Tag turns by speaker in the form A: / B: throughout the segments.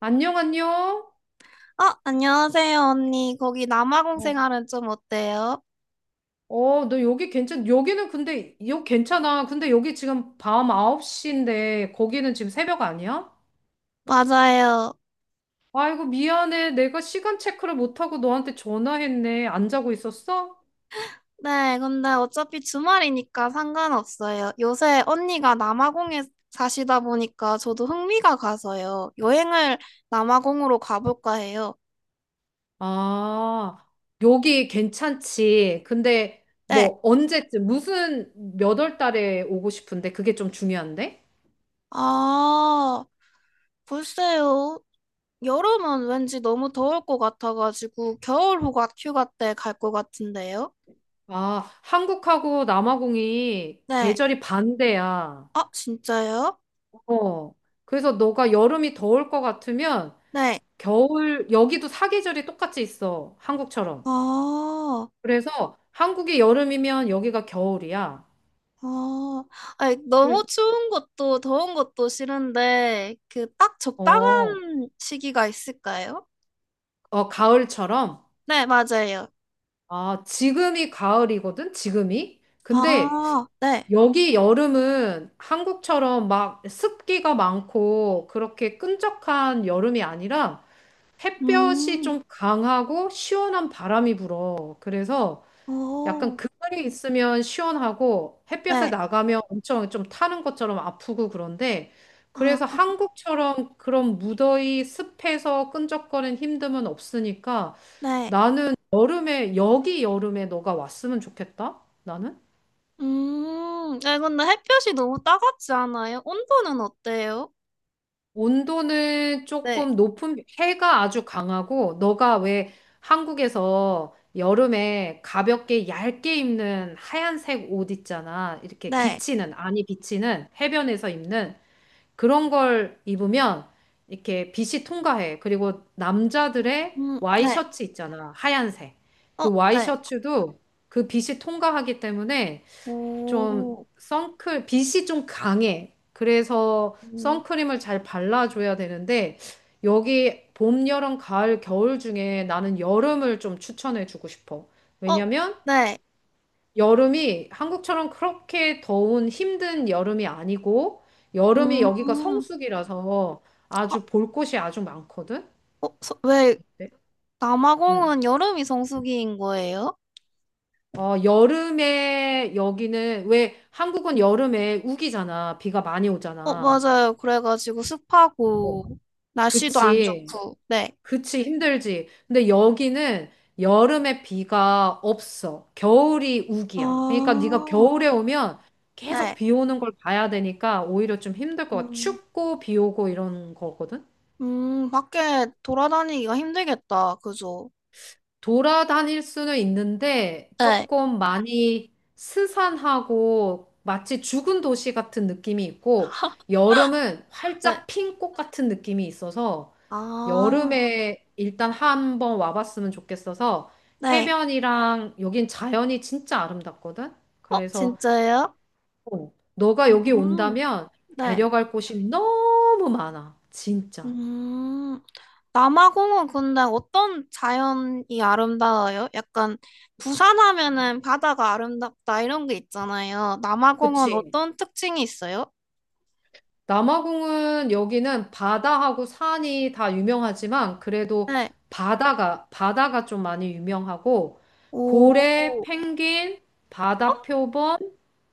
A: 안녕, 안녕.
B: 어, 안녕하세요, 언니. 거기 남아공
A: 어,
B: 생활은 좀 어때요?
A: 여기는 여기 괜찮아. 근데 여기 지금 밤 9시인데, 거기는 지금 새벽 아니야?
B: 맞아요.
A: 아이고, 미안해. 내가 시간 체크를 못하고 너한테 전화했네. 안 자고 있었어?
B: 네, 근데 어차피 주말이니까 상관없어요. 요새 언니가 남아공에 사시다 보니까 저도 흥미가 가서요. 여행을 남아공으로 가볼까 해요.
A: 아, 여기 괜찮지. 근데,
B: 네.
A: 뭐, 언제쯤, 무슨, 몇 월 달에 오고 싶은데, 그게 좀 중요한데?
B: 아, 글쎄요. 여름은 왠지 너무 더울 것 같아가지고 겨울 휴가 때 갈 것 같은데요?
A: 아, 한국하고 남아공이
B: 네.
A: 계절이 반대야.
B: 아, 진짜요?
A: 어. 그래서 너가 여름이 더울 것 같으면
B: 네.
A: 여기도 사계절이 똑같이 있어. 한국처럼.
B: 아.
A: 그래서 한국이 여름이면 여기가 겨울이야.
B: 아, 아니, 너무
A: 그-
B: 추운 것도 더운 것도 싫은데, 그 딱
A: 어,
B: 적당한 시기가 있을까요?
A: 가을처럼?
B: 네, 맞아요.
A: 아, 지금이 가을이거든? 지금이? 근데
B: 아, 네.
A: 여기 여름은 한국처럼 막 습기가 많고 그렇게 끈적한 여름이 아니라 햇볕이
B: 음,
A: 좀 강하고 시원한 바람이 불어. 그래서 약간
B: 오,
A: 그늘이 있으면 시원하고 햇볕에
B: 네.
A: 나가면 엄청 좀 타는 것처럼 아프고 그런데 그래서
B: 아,
A: 한국처럼 그런 무더위 습해서 끈적거리는 힘듦은 없으니까
B: 네.
A: 나는 여름에 여기 여름에 너가 왔으면 좋겠다. 나는
B: 아 근데 햇볕이 너무 따갑지 않아요? 온도는 어때요?
A: 온도는
B: 네,
A: 조금 높은 해가 아주 강하고 너가 왜 한국에서 여름에 가볍게 얇게 입는 하얀색 옷 있잖아. 이렇게
B: 네.
A: 비치는 아니 비치는 해변에서 입는 그런 걸 입으면 이렇게 빛이 통과해. 그리고
B: 음,
A: 남자들의
B: 네.
A: 와이셔츠 있잖아. 하얀색.
B: 어,
A: 그
B: 네.
A: 와이셔츠도 그 빛이 통과하기 때문에
B: 오,
A: 빛이 좀 강해. 그래서
B: 음,
A: 선크림을 잘 발라줘야 되는데 여기 봄, 여름, 가을, 겨울 중에 나는 여름을 좀 추천해주고 싶어.
B: 어,
A: 왜냐면
B: 네.
A: 여름이 한국처럼 그렇게 더운 힘든 여름이 아니고 여름이 여기가
B: 음,
A: 성수기라서
B: 어,
A: 아주 볼 곳이 아주 많거든.
B: 어, 왜
A: 네. 음.
B: 남아공은 여름이 성수기인 거예요?
A: 어, 여름에 여기는 왜 한국은 여름에 우기잖아. 비가 많이
B: 어,
A: 오잖아.
B: 맞아요. 그래가지고
A: 어,
B: 습하고, 날씨도 안
A: 그치.
B: 좋고, 네.
A: 그치, 힘들지. 근데 여기는 여름에 비가 없어. 겨울이
B: 아,
A: 우기야. 그러니까 네가 겨울에 오면 계속
B: 네.
A: 비 오는 걸 봐야 되니까 오히려 좀 힘들 것 같아.
B: 음,
A: 춥고 비 오고 이런 거거든.
B: 밖에 돌아다니기가 힘들겠다. 그죠?
A: 돌아다닐 수는 있는데
B: 네.
A: 조금 많이 스산하고 마치 죽은 도시 같은 느낌이 있고 여름은
B: 네.
A: 활짝 핀 꽃 같은 느낌이 있어서
B: 아,
A: 여름에 일단 한번 와봤으면 좋겠어서
B: 네.
A: 해변이랑 여긴 자연이 진짜 아름답거든.
B: 어,
A: 그래서
B: 진짜요?
A: 어, 너가 여기
B: 음,
A: 온다면
B: 네.
A: 데려갈 곳이 너무 많아. 진짜.
B: 음. 남아공은 근데 어떤 자연이 아름다워요? 약간 부산 하면은 바다가 아름답다 이런 게 있잖아요. 남아공은
A: 그치.
B: 어떤 특징이 있어요?
A: 남아공은 여기는 바다하고 산이 다 유명하지만 그래도
B: 네.
A: 바다가 좀 많이 유명하고
B: 오.
A: 고래, 펭귄,
B: 어,
A: 바다표범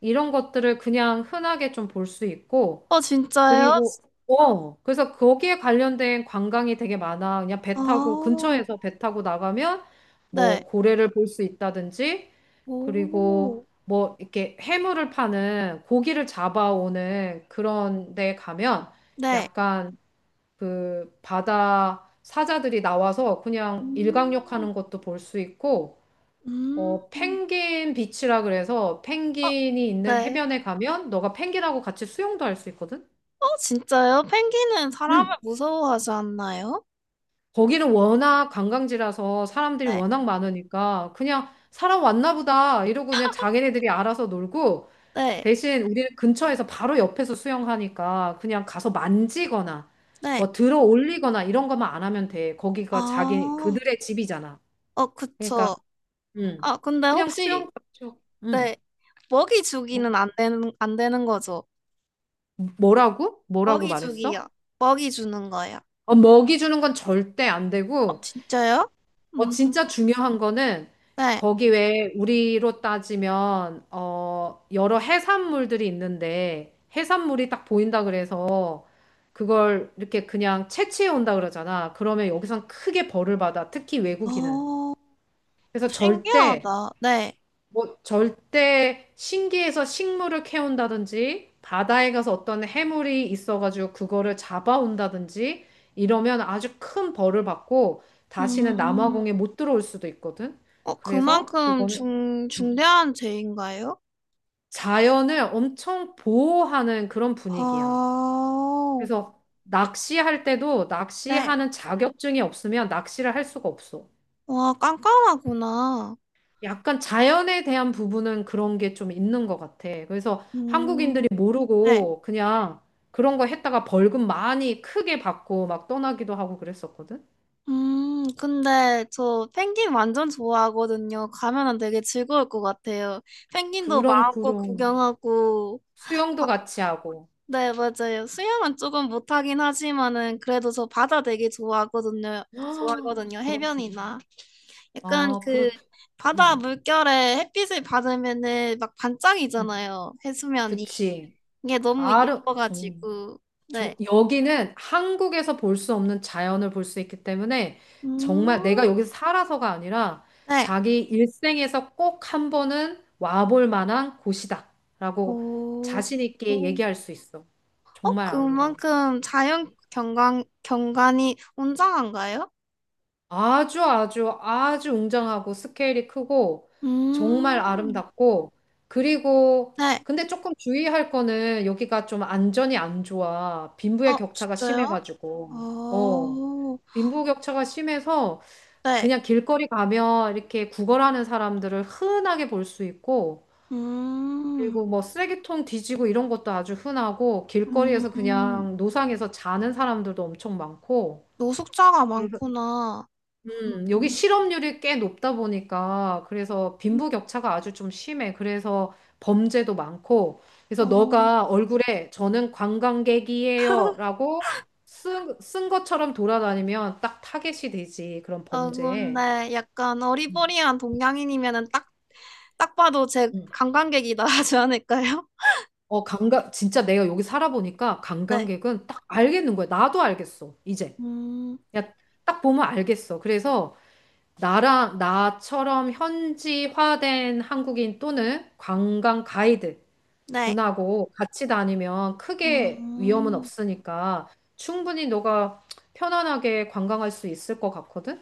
A: 이런 것들을 그냥 흔하게 좀 볼 수 있고
B: 어, 진짜요?
A: 그리고 어 그래서 거기에 관련된 관광이 되게 많아. 그냥 배 타고
B: 아,
A: 근처에서 배 타고 나가면 뭐
B: 네.
A: 고래를 볼 수 있다든지 그리고
B: 오.
A: 뭐 이렇게 해물을 파는 고기를 잡아오는 그런 데 가면
B: 네.
A: 약간 그 바다 사자들이 나와서 그냥 일광욕
B: 음.
A: 하는 것도 볼 수 있고
B: 음.
A: 어 펭귄 비치라 그래서
B: 어,
A: 펭귄이 있는
B: 네.
A: 해변에 가면 너가 펭귄하고 같이 수영도 할 수 있거든.
B: 어, 진짜요? 펭귄은 사람을 무서워하지 않나요?
A: 거기는 워낙 관광지라서 사람들이
B: 네.
A: 워낙 많으니까 그냥 사람 왔나 보다 이러고 그냥 자기네들이 알아서 놀고
B: 네.
A: 대신 우리는 근처에서 바로 옆에서 수영하니까 그냥 가서 만지거나
B: 네.
A: 뭐 들어 올리거나 이런 것만 안 하면 돼. 거기가 자기
B: 아.
A: 그들의 집이잖아.
B: 어,
A: 그러니까
B: 그쵸.
A: 음.
B: 아, 근데
A: 그냥
B: 혹시
A: 수영 그렇죠. 음.
B: 네. 먹이
A: 뭐,
B: 주기는 안 되는 거죠.
A: 뭐라고? 뭐라고
B: 먹이
A: 말했어?
B: 주기요. 먹이 주는 거예요.
A: 어, 먹이 주는 건 절대 안
B: 어,
A: 되고
B: 진짜요?
A: 어,
B: 음,
A: 진짜 중요한 거는
B: 네.
A: 거기 왜 우리로 따지면 어, 여러 해산물들이 있는데 해산물이 딱 보인다 그래서 그걸 이렇게 그냥 채취해 온다 그러잖아. 그러면 여기선 크게 벌을 받아. 특히 외국인은.
B: 어,
A: 그래서 절대
B: 신기하다. 네.
A: 뭐 절대 신기해서 식물을 캐온다든지 바다에 가서 어떤 해물이 있어가지고 그거를 잡아온다든지 이러면 아주 큰 벌을 받고 다시는
B: 음,
A: 남아공에 못 들어올 수도 있거든.
B: 어,
A: 그래서
B: 그만큼
A: 그거는
B: 중,
A: 음,
B: 중대한 죄인가요?
A: 자연을 엄청 보호하는 그런 분위기야.
B: 아,
A: 그래서 낚시할 때도
B: 네.
A: 낚시하는 자격증이 없으면 낚시를 할 수가 없어.
B: 와, 깜깜하구나.
A: 약간 자연에 대한 부분은 그런 게 좀 있는 것 같아. 그래서
B: 음,
A: 한국인들이
B: 네.
A: 모르고 그냥 그런 거 했다가 벌금 많이 크게 받고 막 떠나기도 하고 그랬었거든.
B: 근데 저 펭귄 완전 좋아하거든요. 가면은 되게 즐거울 것 같아요. 펭귄도
A: 그럼
B: 마음껏
A: 그럼
B: 구경하고,
A: 수영도 같이 하고.
B: 네, 맞아요. 수영은 조금 못하긴 하지만은 그래도 저 바다 되게 좋아하거든요.
A: 아,
B: 좋아하거든요.
A: 그렇구나.
B: 해변이나 약간
A: 아,
B: 그
A: 그렇.
B: 바다
A: 음,
B: 물결에 햇빛을 받으면은 막
A: 음.
B: 반짝이잖아요. 해수면이
A: 그치.
B: 이게 너무
A: 아름 정
B: 예뻐가지고 네.
A: 저- 여기는 한국에서 볼 수 없는 자연을 볼 수 있기 때문에 정말
B: 음,
A: 내가 여기서 살아서가 아니라
B: 네.
A: 자기 일생에서 꼭 한 번은 와볼 만한 곳이다라고
B: 오,
A: 자신 있게
B: 오.
A: 얘기할 수 있어.
B: 어
A: 정말 아름다워.
B: 그만큼 자연 경관 경관이 웅장한가요?
A: 아주 웅장하고 스케일이 크고 정말
B: 음,
A: 아름답고 그리고
B: 네.
A: 근데 조금 주의할 거는 여기가 좀 안전이 안 좋아. 빈부의
B: 어
A: 격차가
B: 진짜요?
A: 심해가지고.
B: 어,
A: 어. 빈부 격차가 심해서
B: 네.
A: 그냥 길거리 가면 이렇게 구걸하는 사람들을 흔하게 볼 수 있고
B: 음,
A: 그리고 뭐 쓰레기통 뒤지고 이런 것도 아주 흔하고 길거리에서
B: 음,
A: 그냥 노상에서 자는 사람들도 엄청 많고
B: 노숙자가 많구나.
A: 여기
B: 음,
A: 실업률이 꽤 높다 보니까 그래서
B: 음.
A: 빈부격차가 아주 좀 심해. 그래서 범죄도 많고. 그래서
B: 어,
A: 너가 얼굴에 저는 관광객이에요라고 쓴 것처럼 돌아다니면 딱 타겟이 되지. 그런
B: 어,
A: 범죄에.
B: 근데 약간 어리버리한 동양인이면은 딱, 딱 봐도 제
A: 음.
B: 관광객이다 하지 않을까요?
A: 어, 관광 진짜 내가 여기 살아보니까
B: 네.
A: 관광객은 딱 알겠는 거야. 나도 알겠어. 이제.
B: 음,
A: 야, 딱 보면 알겠어. 그래서 나랑 나처럼 현지화된 한국인 또는 관광 가이드
B: 네.
A: 분하고 같이 다니면 크게 위험은
B: 음,
A: 없으니까 충분히 너가 편안하게 관광할 수 있을 것 같거든?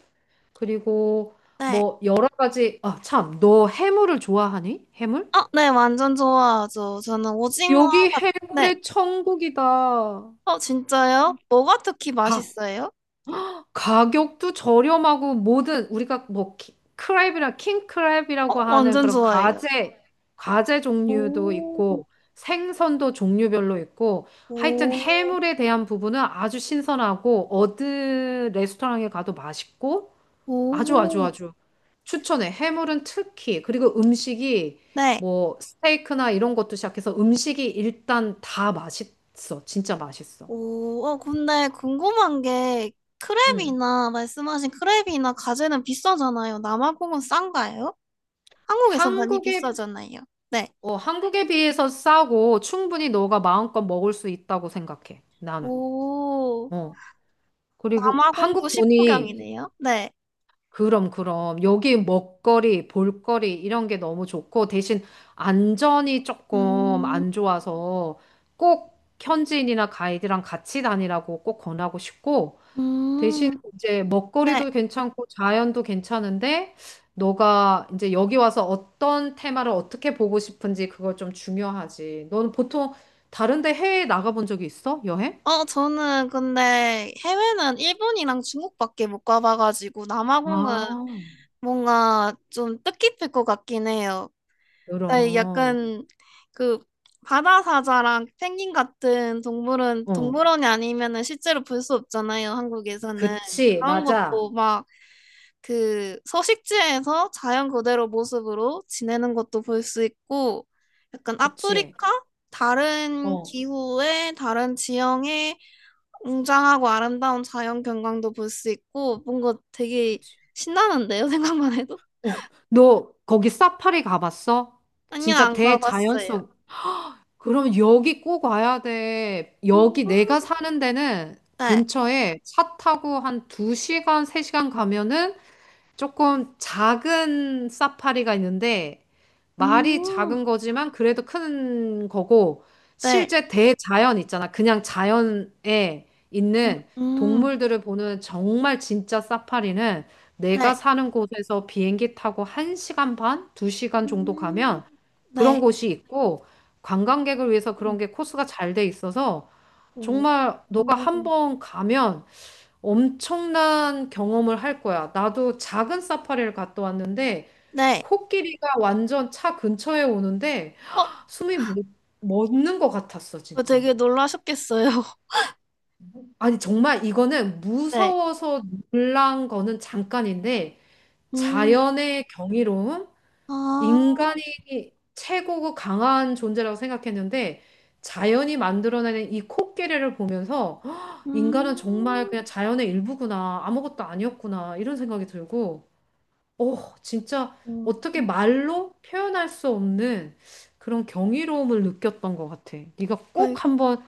A: 그리고
B: 네.
A: 뭐 여러 가지, 아, 참, 너 해물을 좋아하니? 해물?
B: 어, 네, 완전 좋아하죠. 저는 오징어,
A: 여기
B: 네.
A: 해물의 천국이다.
B: 어, 진짜요? 뭐가 특히
A: 다
B: 맛있어요?
A: 가격도 저렴하고 모든 우리가 크랩이라 킹크랩이라고
B: 어,
A: 하는
B: 완전
A: 그런
B: 좋아해요.
A: 가재 가재 종류도
B: 오,
A: 있고 생선도 종류별로 있고 하여튼
B: 오,
A: 해물에 대한 부분은 아주 신선하고 어느 레스토랑에 가도 맛있고 아주 아주
B: 오.
A: 아주 추천해. 해물은 특히 그리고 음식이
B: 네.
A: 뭐 스테이크나 이런 것도 시작해서 음식이 일단 다 맛있어. 진짜 맛있어.
B: 오, 어, 근데 궁금한 게
A: 음.
B: 크랩이나 말씀하신 크랩이나 가재는 비싸잖아요. 남아공은 싼가요? 한국에서 많이
A: 한국에
B: 비싸잖아요. 네.
A: 어, 한국에 비해서 싸고 충분히 너가 마음껏 먹을 수 있다고 생각해. 나는.
B: 오,
A: 어. 그리고
B: 남아공도
A: 한국 돈이
B: 식후경이네요. 네.
A: 그럼 여기 먹거리, 볼거리 이런 게 너무 좋고 대신 안전이 조금
B: 음,
A: 안 좋아서 꼭 현지인이나 가이드랑 같이 다니라고 꼭 권하고 싶고 대신
B: 음,
A: 이제
B: 네.
A: 먹거리도 괜찮고 자연도 괜찮은데 너가 이제 여기 와서 어떤 테마를 어떻게 보고 싶은지 그걸 좀 중요하지. 너는 보통 다른 데 해외에 나가본 적이 있어? 여행?
B: 어, 저는 근데 해외는 일본이랑 중국밖에 못 가봐가지고 남아공은
A: 아,
B: 뭔가 좀 뜻깊을 것 같긴 해요. 아
A: 그럼.
B: 약간 그 바다사자랑 펭귄 같은 동물은
A: 어.
B: 동물원이 아니면은 실제로 볼 수 없잖아요, 한국에서는.
A: 그치.
B: 그런 네.
A: 맞아.
B: 것도 막 그 서식지에서 자연 그대로 모습으로 지내는 것도 볼 수 있고, 약간
A: 그치.
B: 아프리카? 다른
A: 어.
B: 기후에, 다른 지형에 웅장하고 아름다운 자연 경관도 볼 수 있고, 뭔가 되게
A: 그치.
B: 신나는데요, 생각만 해도?
A: 어. 너 거기 사파리 가봤어?
B: 아니요,
A: 진짜
B: 안
A: 대자연
B: 가봤어요.
A: 속 그럼 여기 꼭 와야 돼.
B: 음,
A: 여기 내가 사는 데는
B: 네.
A: 근처에 차 타고 한 두 시간 세 시간 가면은 조금 작은 사파리가 있는데 말이
B: 음.
A: 작은 거지만 그래도 큰 거고
B: 네.
A: 실제 대자연 있잖아. 그냥 자연에
B: 음,
A: 있는
B: 음.
A: 동물들을 보는 정말 진짜 사파리는 내가
B: 네.
A: 사는 곳에서 비행기 타고 1시간 반, 2시간 정도
B: 음.
A: 가면 그런
B: 네.
A: 곳이 있고 관광객을 위해서 그런
B: 음.
A: 게 코스가 잘 돼 있어서
B: 오.
A: 정말 너가 한
B: 오.
A: 번 가면 엄청난 경험을 할 거야. 나도 작은 사파리를 갔다 왔는데
B: 네.
A: 코끼리가 완전 차 근처에 오는데
B: 어,
A: 숨이 멎- 멎는 것 같았어,
B: 어,
A: 진짜.
B: 되게 놀라셨겠어요.
A: 아니, 정말 이거는
B: 네.
A: 무서워서 놀란 거는 잠깐인데
B: 음.
A: 자연의 경이로움,
B: 아,
A: 인간이 최고고 강한 존재라고 생각했는데 자연이 만들어내는 이 코끼리를 보면서
B: 음.
A: 인간은 정말 그냥 자연의 일부구나, 아무것도 아니었구나, 이런 생각이 들고 어, 진짜
B: 음.
A: 어떻게 말로 표현할 수 없는 그런 경이로움을 느꼈던 것 같아. 네가
B: 어이,
A: 꼭 한번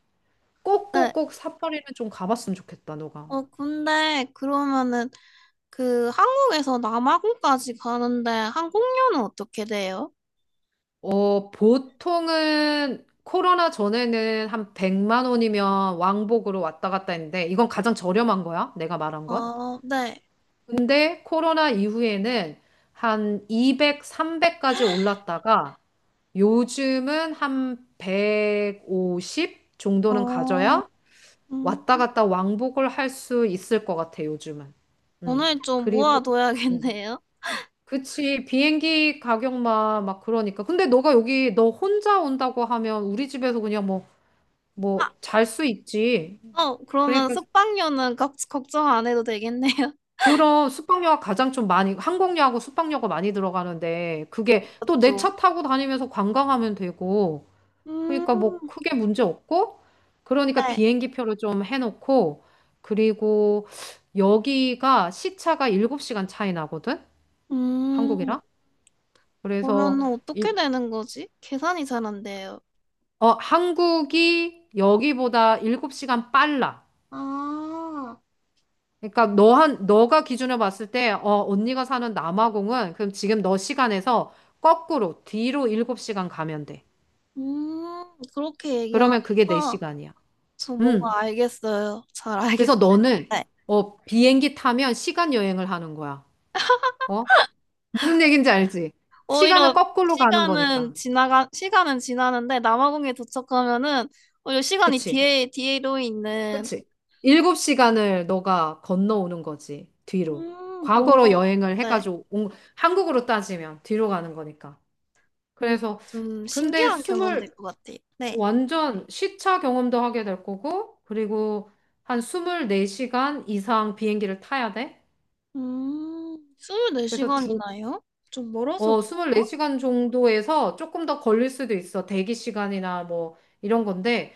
B: 네.
A: 꼭꼭꼭 삿포로는 좀 가봤으면 좋겠다, 너가.
B: 어, 근데 그러면은 그 한국에서 남아공까지 가는데 항공료는 어떻게 돼요?
A: 어, 보통은 코로나 전에는 한 100만 원이면 왕복으로 왔다 갔다 했는데 이건 가장 저렴한 거야, 내가 말한 건.
B: 아, 네.
A: 근데 코로나 이후에는 한 200, 300까지 올랐다가 요즘은 한 150 정도는
B: 어,
A: 가져야
B: 음.
A: 왔다 갔다 왕복을 할 수 있을 것 같아, 요즘은. 음.
B: 오늘 좀
A: 그리고, 음.
B: 모아둬야겠네요.
A: 그치, 비행기 가격만 막 그러니까. 근데 너가 여기 너 혼자 온다고 하면 우리 집에서
B: 아,
A: 잘 수 있지.
B: 어, 그러면
A: 그러니까
B: 숙박료는 걱정 안 해도 되겠네요.
A: 그런 숙박료가 가장 좀 많이, 항공료하고 숙박료가 많이 들어가는데, 그게 또 내
B: 맞죠?
A: 차 타고 다니면서 관광하면 되고, 그러니까 뭐
B: 음,
A: 크게 문제 없고, 그러니까
B: 네.
A: 비행기 표를 좀 해놓고, 그리고 여기가 시차가 7시간 차이 나거든?
B: 음,
A: 한국이랑? 그래서,
B: 그러면 어떻게
A: 일,
B: 되는 거지? 계산이 잘 안 돼요.
A: 어, 한국이 여기보다 7시간 빨라.
B: 아,
A: 너가 기준으로 봤을 때, 어, 언니가 사는 남아공은 그럼 지금 너 시간에서 거꾸로 뒤로 7시간 가면 돼.
B: 그렇게
A: 그러면 그게 내
B: 얘기하니까
A: 시간이야.
B: 저
A: 음.
B: 뭔가 알겠어요. 잘
A: 그래서
B: 알겠어요.
A: 너는,
B: 네.
A: 어, 비행기 타면 시간 여행을 하는 거야. 어? 무슨 얘기인지 알지? 시간을
B: 오히려
A: 거꾸로 가는 거니까.
B: 시간은 지나는데 남아공에 도착하면은 오히려 시간이
A: 그치?
B: 뒤로 있는,
A: 그치? 일곱 시간을 너가 건너오는 거지. 뒤로. 과거로
B: 뭔가,
A: 여행을
B: 네,
A: 해가지고 온- 한국으로 따지면 뒤로 가는 거니까.
B: 뭔가
A: 그래서
B: 좀
A: 근데
B: 신기한 경험
A: 스물
B: 될 것 같아요. 네.
A: 완전 시차 경험도 하게 될 거고 그리고 한 24시간 이상 비행기를 타야 돼. 그래서
B: 24시간이나요? 좀 멀어서 그
A: 어,
B: 래요
A: 24시간 정도에서 조금 더 걸릴 수도 있어. 대기 시간이나 뭐 이런 건데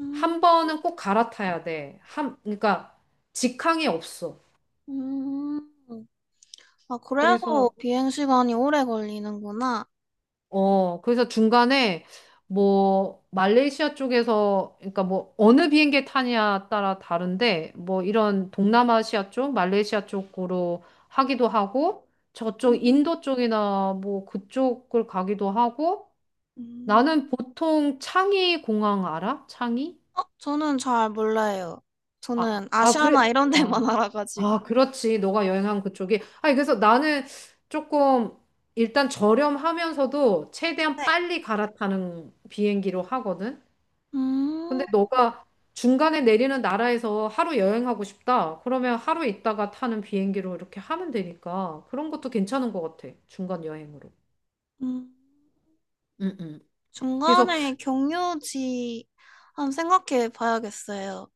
B: 음,
A: 한 번은 꼭 갈아타야 돼. 한 그러니까 직항이 없어.
B: 음. 아, 그래서
A: 그래서
B: 비행시간이 오래 걸리는구나.
A: 어, 그래서 중간에 뭐 말레이시아 쪽에서 그러니까 뭐 어느 비행기 타냐에 따라 다른데 뭐 이런 동남아시아 쪽, 말레이시아 쪽으로 하기도 하고 저쪽
B: 음.
A: 인도 쪽이나 뭐 그쪽을 가기도 하고
B: 음,
A: 나는 보통 창의 공항 알아? 창의?
B: 어, 저는 잘 몰라요.
A: 아,
B: 저는
A: 그래.
B: 아시아나 이런
A: 아,
B: 데만 알아가지고.
A: 그렇지. 너가 여행한 그쪽이. 아니, 그래서 나는 조금 일단 저렴하면서도 최대한
B: 네.
A: 빨리 갈아타는 비행기로 하거든. 근데
B: 음,
A: 너가 중간에 내리는 나라에서 하루 여행하고 싶다. 그러면 하루 있다가 타는 비행기로 이렇게 하면 되니까 그런 것도 괜찮은 것 같아. 중간 여행으로.
B: 음.
A: 응. 그래서
B: 중간에 경유지 한번 생각해 봐야겠어요.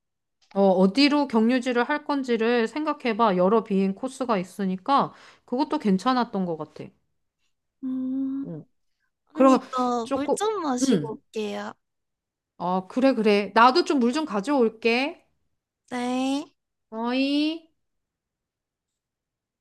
A: 어, 어디로 경유지를 할 건지를 생각해봐. 여러 비행 코스가 있으니까 그것도 괜찮았던 것 같아.
B: 음,
A: 응.
B: 언니,
A: 그러면
B: 저 물
A: 조금,
B: 좀 마시고
A: 응.
B: 올게요.
A: 어, 그래, 그래. 나도 좀 물 좀 가져올게.
B: 네.
A: 어이.